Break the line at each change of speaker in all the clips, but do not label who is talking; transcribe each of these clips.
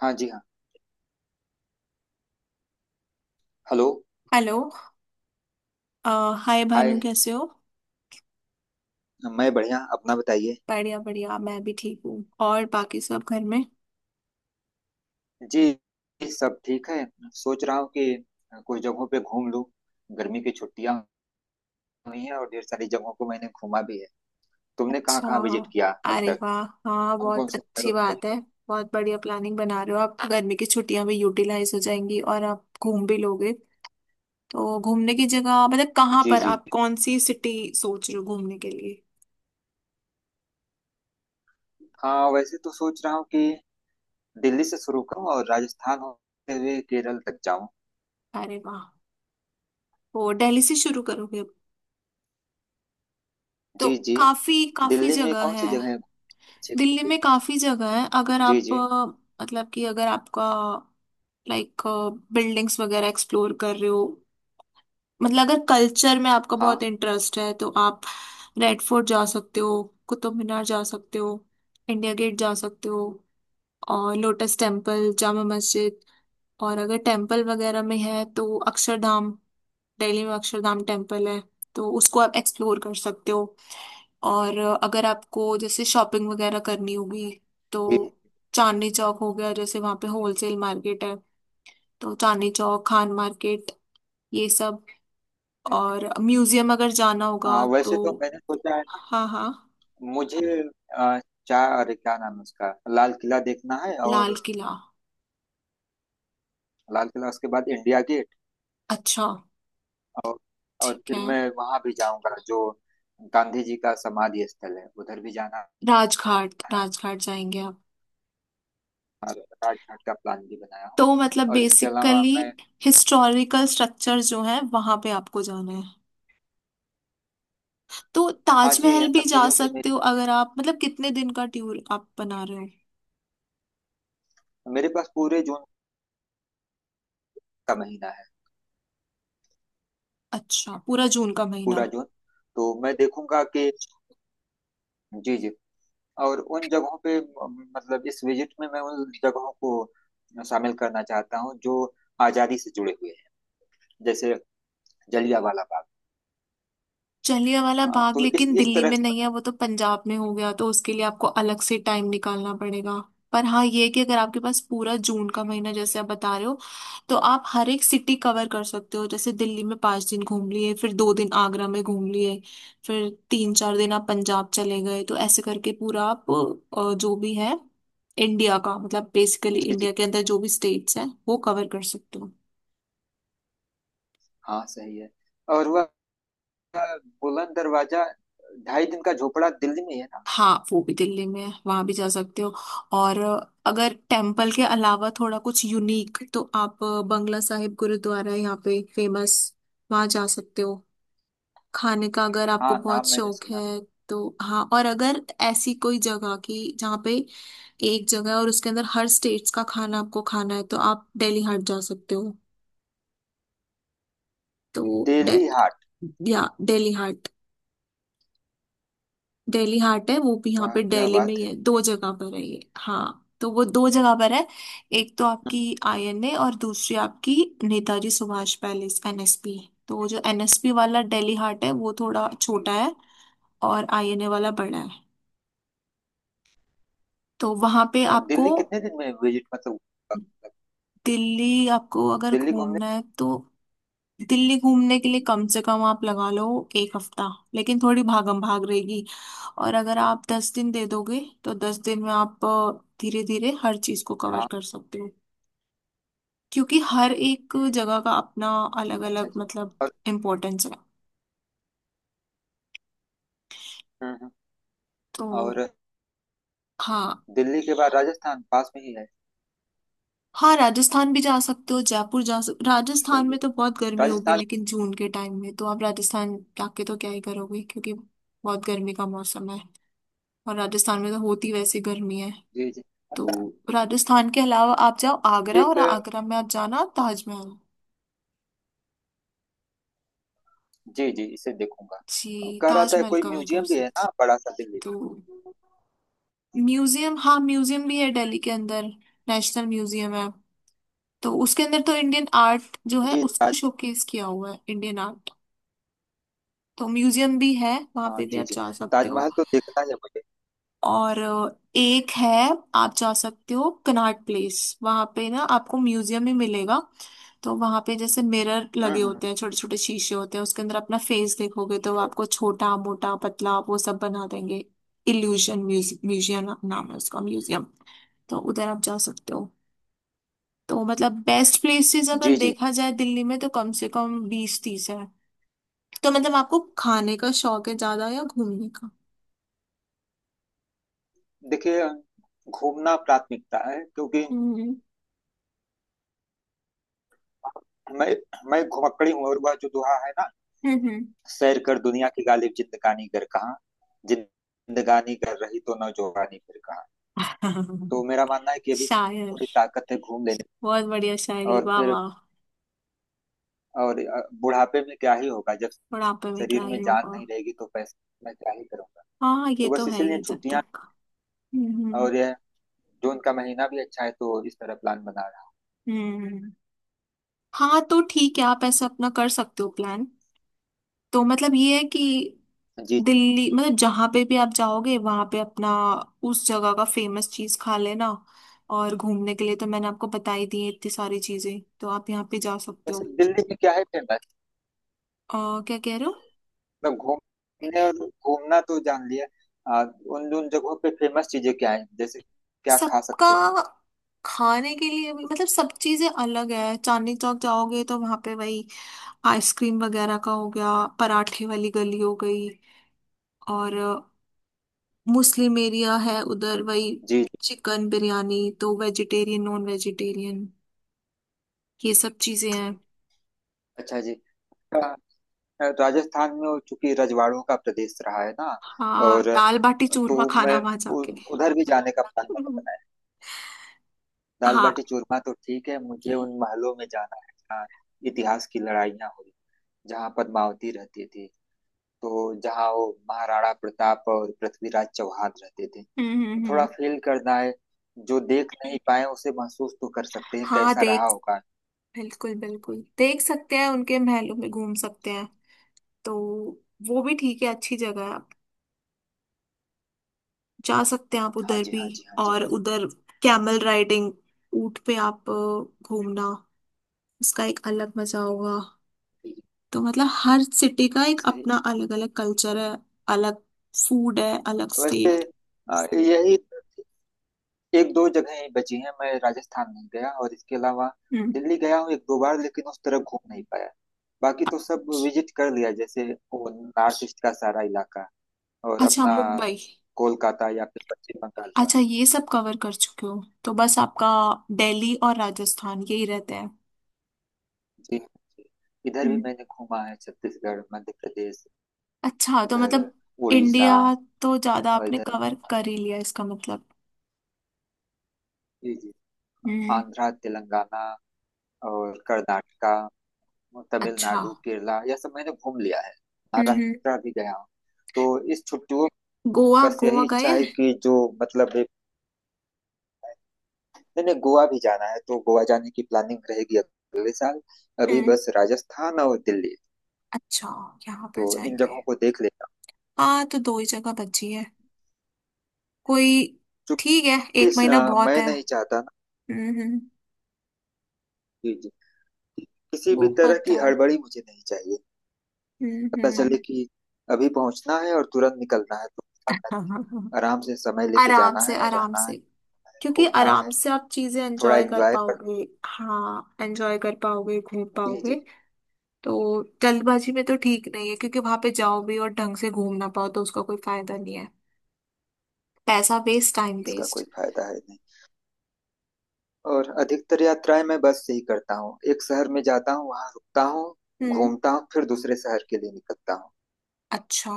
हाँ जी हाँ। हेलो।
हेलो। अ, हाय भानु
हाय।
कैसे हो।
मैं बढ़िया, अपना बताइए।
बढ़िया बढ़िया, मैं भी ठीक हूँ। और बाकी सब घर में?
जी सब ठीक है। सोच रहा हूँ कि कुछ जगहों पे घूम लूँ। गर्मी की छुट्टियां हुई हैं और ढेर सारी जगहों को मैंने घूमा भी है। तुमने कहाँ
अच्छा,
कहाँ विजिट किया अब
अरे
तक?
वाह, हाँ
कौन कौन
बहुत
से
अच्छी
शहरों पे गई
बात है। बहुत बढ़िया प्लानिंग बना रहे हो आप, गर्मी की छुट्टियां भी यूटिलाइज हो जाएंगी और आप घूम भी लोगे। तो घूमने की जगह मतलब
हो?
कहाँ
जी
पर
जी।
आप कौन सी सिटी सोच रहे हो घूमने के लिए?
हाँ वैसे तो सोच रहा हूँ कि दिल्ली से शुरू करूँ और राजस्थान होते हुए केरल तक जाऊँ।
अरे वाह, वो दिल्ली से शुरू करोगे अब, तो
जी जी।
काफी काफी
दिल्ली में
जगह
कौन सी
है।
जगह अच्छी
दिल्ली
होगी?
में काफी जगह है। अगर
जी
आप
जी।
मतलब कि अगर आपका लाइक बिल्डिंग्स वगैरह एक्सप्लोर कर रहे हो, मतलब अगर कल्चर में आपका बहुत
हाँ
इंटरेस्ट है, तो आप रेड फोर्ट जा सकते हो, कुतुब मीनार जा सकते हो, इंडिया गेट जा सकते हो, और लोटस टेम्पल, जामा मस्जिद। और अगर टेम्पल वगैरह में है तो अक्षरधाम, दिल्ली में अक्षरधाम टेम्पल है, तो उसको आप एक्सप्लोर कर सकते हो। और अगर आपको जैसे शॉपिंग वगैरह करनी होगी तो
जी।
चांदनी चौक हो गया, जैसे वहाँ पे होलसेल मार्केट है। तो चांदनी चौक, खान मार्केट, ये सब। हम्म, और म्यूजियम अगर जाना
हाँ
होगा तो।
वैसे तो मैंने सोचा है
हाँ हाँ।
मुझे अ, चार, अरे क्या नाम है उसका, लाल किला देखना है।
लाल
और
किला।
लाल किला उसके बाद इंडिया गेट।
अच्छा।
और और
ठीक
फिर
है।
मैं वहां भी जाऊंगा जो गांधी जी का समाधि स्थल है, उधर भी जाना।
राजघाट, राजघाट जाएंगे आप।
राज घाट का प्लान भी बनाया हूँ।
तो मतलब
और इसके अलावा
बेसिकली
मैं,
हिस्टोरिकल स्ट्रक्चर जो है वहां पे आपको जाना है, तो
हाँ जी इन
ताजमहल भी
सब
जा
चीजों से,
सकते हो।
मेरे,
अगर आप मतलब कितने दिन का टूर आप बना रहे हो?
मेरे पास पूरे जून का महीना है।
अच्छा पूरा जून का महीना।
पूरा जून। तो मैं देखूंगा कि, जी जी, और उन जगहों पे मतलब इस विजिट में मैं उन जगहों को शामिल करना चाहता हूँ जो आजादी से जुड़े हुए हैं। जैसे जलियांवाला बाग।
जलियांवाला
हाँ
बाग
तो इस
लेकिन
इस
दिल्ली
तरह
में
की।
नहीं है, वो तो पंजाब में हो गया, तो उसके लिए आपको अलग से टाइम निकालना पड़ेगा। पर हाँ ये है कि अगर आपके पास पूरा जून का महीना जैसे आप बता रहे हो, तो आप हर एक सिटी कवर कर सकते हो। जैसे दिल्ली में 5 दिन घूम लिए, फिर 2 दिन आगरा में घूम लिए, फिर 3 4 दिन आप पंजाब चले गए। तो ऐसे करके पूरा आप जो भी है इंडिया का, मतलब बेसिकली
जी जी।
इंडिया के अंदर जो भी स्टेट्स हैं वो कवर कर सकते हो।
हाँ सही है। और वह बुलंद दरवाजा, ढाई दिन का झोपड़ा दिल्ली में ही है ना।
हाँ वो भी दिल्ली में है, वहां भी जा सकते हो। और अगर टेम्पल के अलावा थोड़ा कुछ यूनिक, तो आप बंगला साहिब गुरुद्वारा है यहाँ पे फेमस, वहां जा सकते हो। खाने का अगर आपको
हाँ
बहुत
नाम मैंने
शौक
सुना।
है तो। हाँ, और अगर ऐसी कोई जगह की जहाँ पे एक जगह है और उसके अंदर हर स्टेट्स का खाना आपको खाना है, तो आप दिल्ली हाट जा सकते हो। तो
दिल्ली हाट।
या दिल्ली हाट। दिल्ली हाट है, वो भी यहाँ
वाह
पे
क्या
दिल्ली में ही
बात है।
है। दो जगह पर है ये, हाँ तो वो दो जगह पर है। एक तो आपकी
हम्म।
आईएनए और दूसरी आपकी नेताजी सुभाष पैलेस, एनएसपी। तो वो जो एनएसपी वाला दिल्ली हाट है वो थोड़ा छोटा है, और आईएनए वाला बड़ा है। तो वहां पे आपको।
दिल्ली कितने दिन में विजिट मतलब,
दिल्ली आपको अगर
दिल्ली घूमने।
घूमना है तो दिल्ली घूमने के लिए कम से कम आप लगा लो एक हफ्ता, लेकिन थोड़ी भागम भाग रहेगी। और अगर आप 10 दिन दे दोगे, तो 10 दिन में आप धीरे धीरे हर चीज को कवर
हाँ
कर सकते हो, क्योंकि हर एक जगह का अपना अलग
अच्छा
अलग
जी।
मतलब
और
इम्पोर्टेंस है।
हम्म, हम्म।
तो
और
हाँ।
दिल्ली के बाद राजस्थान पास में ही है।
हाँ राजस्थान भी जा सकते हो, जयपुर जा सकते। राजस्थान
सही
में
है।
तो बहुत गर्मी होगी,
राजस्थान।
लेकिन जून के टाइम में तो आप राजस्थान जाके तो क्या ही करोगे, क्योंकि बहुत गर्मी का मौसम है। और राजस्थान में तो होती वैसे गर्मी है।
जी जी। अच्छा।
तो राजस्थान के अलावा आप जाओ आगरा,
एक,
और आगरा में आप जाना ताजमहल।
जी जी इसे देखूंगा।
जी,
कह रहा था
ताजमहल
कोई
कवर कर
म्यूजियम भी है ना
सकते
बड़ा सा दिल्ली।
हो। म्यूजियम, हाँ म्यूजियम भी है दिल्ली के अंदर, नेशनल म्यूजियम है। तो उसके अंदर तो इंडियन आर्ट जो है
जी।
उसको शोकेस किया हुआ है, इंडियन आर्ट। तो म्यूजियम भी है, वहां
हाँ
पे भी
जी
आप
जी,
जा सकते हो।
ताजमहल तो देखना है मुझे।
और एक है, आप जा सकते हो कनॉट प्लेस, वहां पे ना आपको म्यूजियम ही मिलेगा। तो वहां पे जैसे मिरर लगे
हम्म।
होते हैं, छोटे छोटे शीशे होते हैं, उसके अंदर अपना फेस देखोगे तो वो आपको छोटा, मोटा, पतला, वो सब बना देंगे। इल्यूशन म्यूजियम नाम है उसका म्यूजियम। तो उधर आप जा सकते हो। तो मतलब बेस्ट प्लेसेस अगर
जी जी।
देखा जाए दिल्ली में तो कम से कम 20 30 है। तो मतलब आपको खाने का शौक है ज्यादा या घूमने का?
देखिए, घूमना प्राथमिकता है क्योंकि
हम्म
मैं मैं घुमक्कड़ी हूँ। और वह जो दोहा है ना,
हम्म
सैर कर दुनिया की गालिब, जिंदगानी कर कहाँ। जिंदगानी कर रही तो न, जोगानी फिर कहाँ। तो
हम्म।
मेरा मानना है कि अभी से
शायर,
थोड़ी ताकत है घूम लेने की।
बहुत बढ़िया शायरी,
और
वाह
फिर
वाह।
और बुढ़ापे में क्या ही होगा, जब
बुढ़ापे में क्या
शरीर
ही
में जान
होगा।
नहीं रहेगी तो पैसे मैं क्या ही करूंगा।
हाँ ये
तो
तो
बस
है
इसीलिए
ही। जब
छुट्टियां।
तक। हम्म
और यह जून का महीना भी अच्छा है, तो इस तरह प्लान बना रहा
हम्म। हाँ तो ठीक है, आप ऐसा अपना कर सकते हो प्लान। तो मतलब ये है कि
हूँ। जी।
दिल्ली, मतलब जहाँ पे भी आप जाओगे वहाँ पे अपना उस जगह का फेमस चीज खा लेना। और घूमने के लिए तो मैंने आपको बता ही दी है इतनी सारी चीजें, तो आप यहाँ पे जा सकते
वैसे
हो।
दिल्ली में क्या है फेमस?
क्या कह रहे हो?
मतलब घूमने, और घूमना तो जान लिया। उन उन जगहों पे फेमस चीजें क्या है, जैसे क्या खा
सबका
सकते हैं?
खाने के लिए भी मतलब सब चीजें अलग है। चांदनी चौक जाओगे तो वहां पे वही आइसक्रीम वगैरह का हो गया, पराठे वाली गली हो गई, और मुस्लिम एरिया है उधर, वही
जी जी।
चिकन बिरयानी, तो वेजिटेरियन, नॉन वेजिटेरियन, ये सब चीजें हैं।
अच्छा जी। अ, राजस्थान में वो चूंकि रजवाड़ों का प्रदेश रहा है ना,
हाँ
और
दाल बाटी
तो
चूरमा खाना
मैं
वहां जाके।
उधर भी जाने का प्लान मैंने बनाया है। दाल
हाँ
बाटी चूरमा तो ठीक है, मुझे उन महलों में जाना है जहाँ इतिहास की लड़ाइयाँ हुई, जहाँ पद्मावती रहती थी। तो जहाँ वो महाराणा प्रताप और पृथ्वीराज चौहान रहते थे,
हम्म
तो
हम्म
थोड़ा
हम्म।
फील करना है। जो देख नहीं पाए उसे महसूस तो कर सकते हैं
हाँ
कैसा रहा
देख,
होगा।
बिल्कुल बिल्कुल देख सकते हैं, उनके महलों में घूम सकते हैं। तो वो भी ठीक है, अच्छी जगह है, जा सकते हैं आप
हाँ
उधर
जी
भी।
हाँ जी हाँ जी।
और उधर कैमल राइडिंग, ऊंट पे आप घूमना, उसका एक अलग मजा होगा। तो मतलब हर सिटी का एक
सही।
अपना अलग अलग कल्चर है, अलग फूड है, अलग
वैसे
स्टेट।
यही एक दो जगह ही बची हैं, मैं राजस्थान नहीं गया। और इसके अलावा
हम्म,
दिल्ली गया हूँ एक दो बार लेकिन उस तरफ घूम नहीं पाया। बाकी तो सब विजिट कर लिया, जैसे वो नॉर्थ ईस्ट का सारा इलाका। और
अच्छा,
अपना
मुंबई।
कोलकाता या फिर पश्चिम बंगाल हुआ।
अच्छा ये सब कवर कर चुके हो, तो बस आपका दिल्ली और राजस्थान यही रहते हैं।
जी जी। इधर भी
हम्म,
मैंने घूमा है, छत्तीसगढ़ मध्य प्रदेश,
अच्छा तो
उधर
मतलब
उड़ीसा।
इंडिया तो ज्यादा
और
आपने
इधर
कवर कर ही लिया, इसका मतलब।
जी जी
हम्म,
आंध्रा तेलंगाना और कर्नाटका
अच्छा।
तमिलनाडु केरला, यह सब मैंने घूम लिया है। महाराष्ट्र भी गया हूँ। तो इस छुट्टियों में
गोवा,
बस
गोवा
यही
गए
इच्छा है
हैं?
कि जो, मतलब मैंने गोवा भी जाना है तो गोवा जाने की प्लानिंग रहेगी अगले साल। अभी
हम्म,
बस राजस्थान और दिल्ली,
अच्छा, यहाँ
तो
पर
इन
जाएंगे।
जगहों को देख लेता हूँ।
हाँ तो दो ही जगह बची है, कोई, ठीक है,
चूंकि
एक महीना बहुत
मैं
है।
नहीं चाहता ना,
हम्म हम्म,
जी, किसी भी तरह
बहुत
की
है।
हड़बड़ी मुझे नहीं चाहिए। पता
हम्म।
चले कि अभी पहुंचना है और तुरंत निकलना है तो ऐसा नहीं। आराम से समय लेके
आराम
जाना
से,
है,
आराम
रहना है,
से, क्योंकि
घूमना
आराम
है,
से आप चीजें
थोड़ा
एंजॉय कर
एंजॉय कर।
पाओगे, हाँ एंजॉय कर पाओगे, घूम
जी
पाओगे।
जी।
तो जल्दबाजी में तो ठीक नहीं है, क्योंकि वहां पे जाओ भी और ढंग से घूम ना पाओ तो उसका कोई फायदा नहीं है। पैसा वेस्ट, टाइम
इसका कोई
वेस्ट।
फायदा है नहीं। और अधिकतर यात्राएं मैं बस से ही करता हूँ, एक शहर में जाता हूँ वहां रुकता हूँ,
हम्म,
घूमता हूँ फिर दूसरे शहर के लिए निकलता हूँ।
अच्छा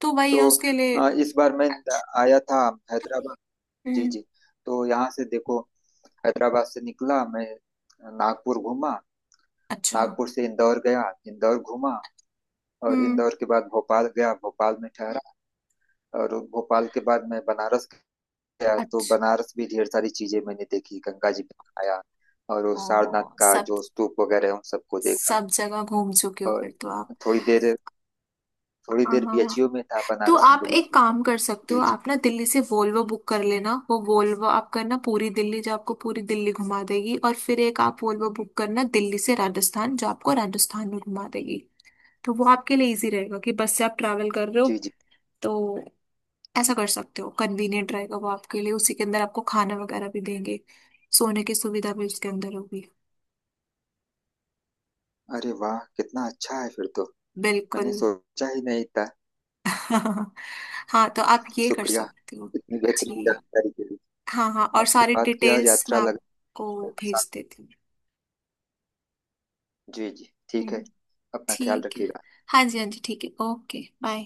तो वही
तो
है उसके लिए।
इस बार मैं आया था हैदराबाद। जी
हम्म,
जी। तो यहाँ से देखो, हैदराबाद से निकला मैं, नागपुर घूमा,
अच्छा।
नागपुर से इंदौर गया, इंदौर घूमा, और
हम्म,
इंदौर के बाद भोपाल गया, भोपाल में ठहरा। और भोपाल के बाद मैं बनारस गया, तो
अच्छा।
बनारस भी ढेर सारी चीजें मैंने देखी, गंगा जी में आया, और वो
ओ,
सारनाथ का
सब,
जो स्तूप वगैरह है, उन सबको देखा।
सब जगह घूम चुके हो
और
फिर तो आप।
थोड़ी देर थोड़ी
हाँ
देर
हाँ हाँ।
बीएचयू में था,
तो
बनारस
आप
हिंदू
एक काम कर सकते
विश्वविद्यालय।
हो,
जी जी।
आप ना दिल्ली से वोल्वो बुक कर लेना, वो वोल्वो आप करना पूरी दिल्ली, जो आपको पूरी दिल्ली घुमा देगी। और फिर एक आप वोल्वो बुक करना दिल्ली से राजस्थान, जो आपको राजस्थान में घुमा देगी। तो वो आपके लिए इजी रहेगा कि बस से आप ट्रैवल कर रहे हो।
जी जी।
तो ऐसा कर सकते हो, कन्वीनियंट रहेगा वो आपके लिए, उसी के अंदर आपको खाना वगैरह भी देंगे, सोने की सुविधा भी उसके अंदर होगी।
अरे वाह कितना अच्छा है फिर तो, मैंने
बिल्कुल।
सोचा ही नहीं था।
हाँ तो आप ये कर
शुक्रिया
सकते हो।
इतनी बेहतरीन
जी,
जानकारी के लिए।
हाँ हाँ, और
आपसे
सारी
बात किया
डिटेल्स मैं
यात्रा
आपको
लगा।
भेज देती हूँ।
जी जी ठीक है।
हम्म,
अपना ख्याल
ठीक है।
रखिएगा।
हाँ जी, हाँ जी, ठीक है, ओके बाय।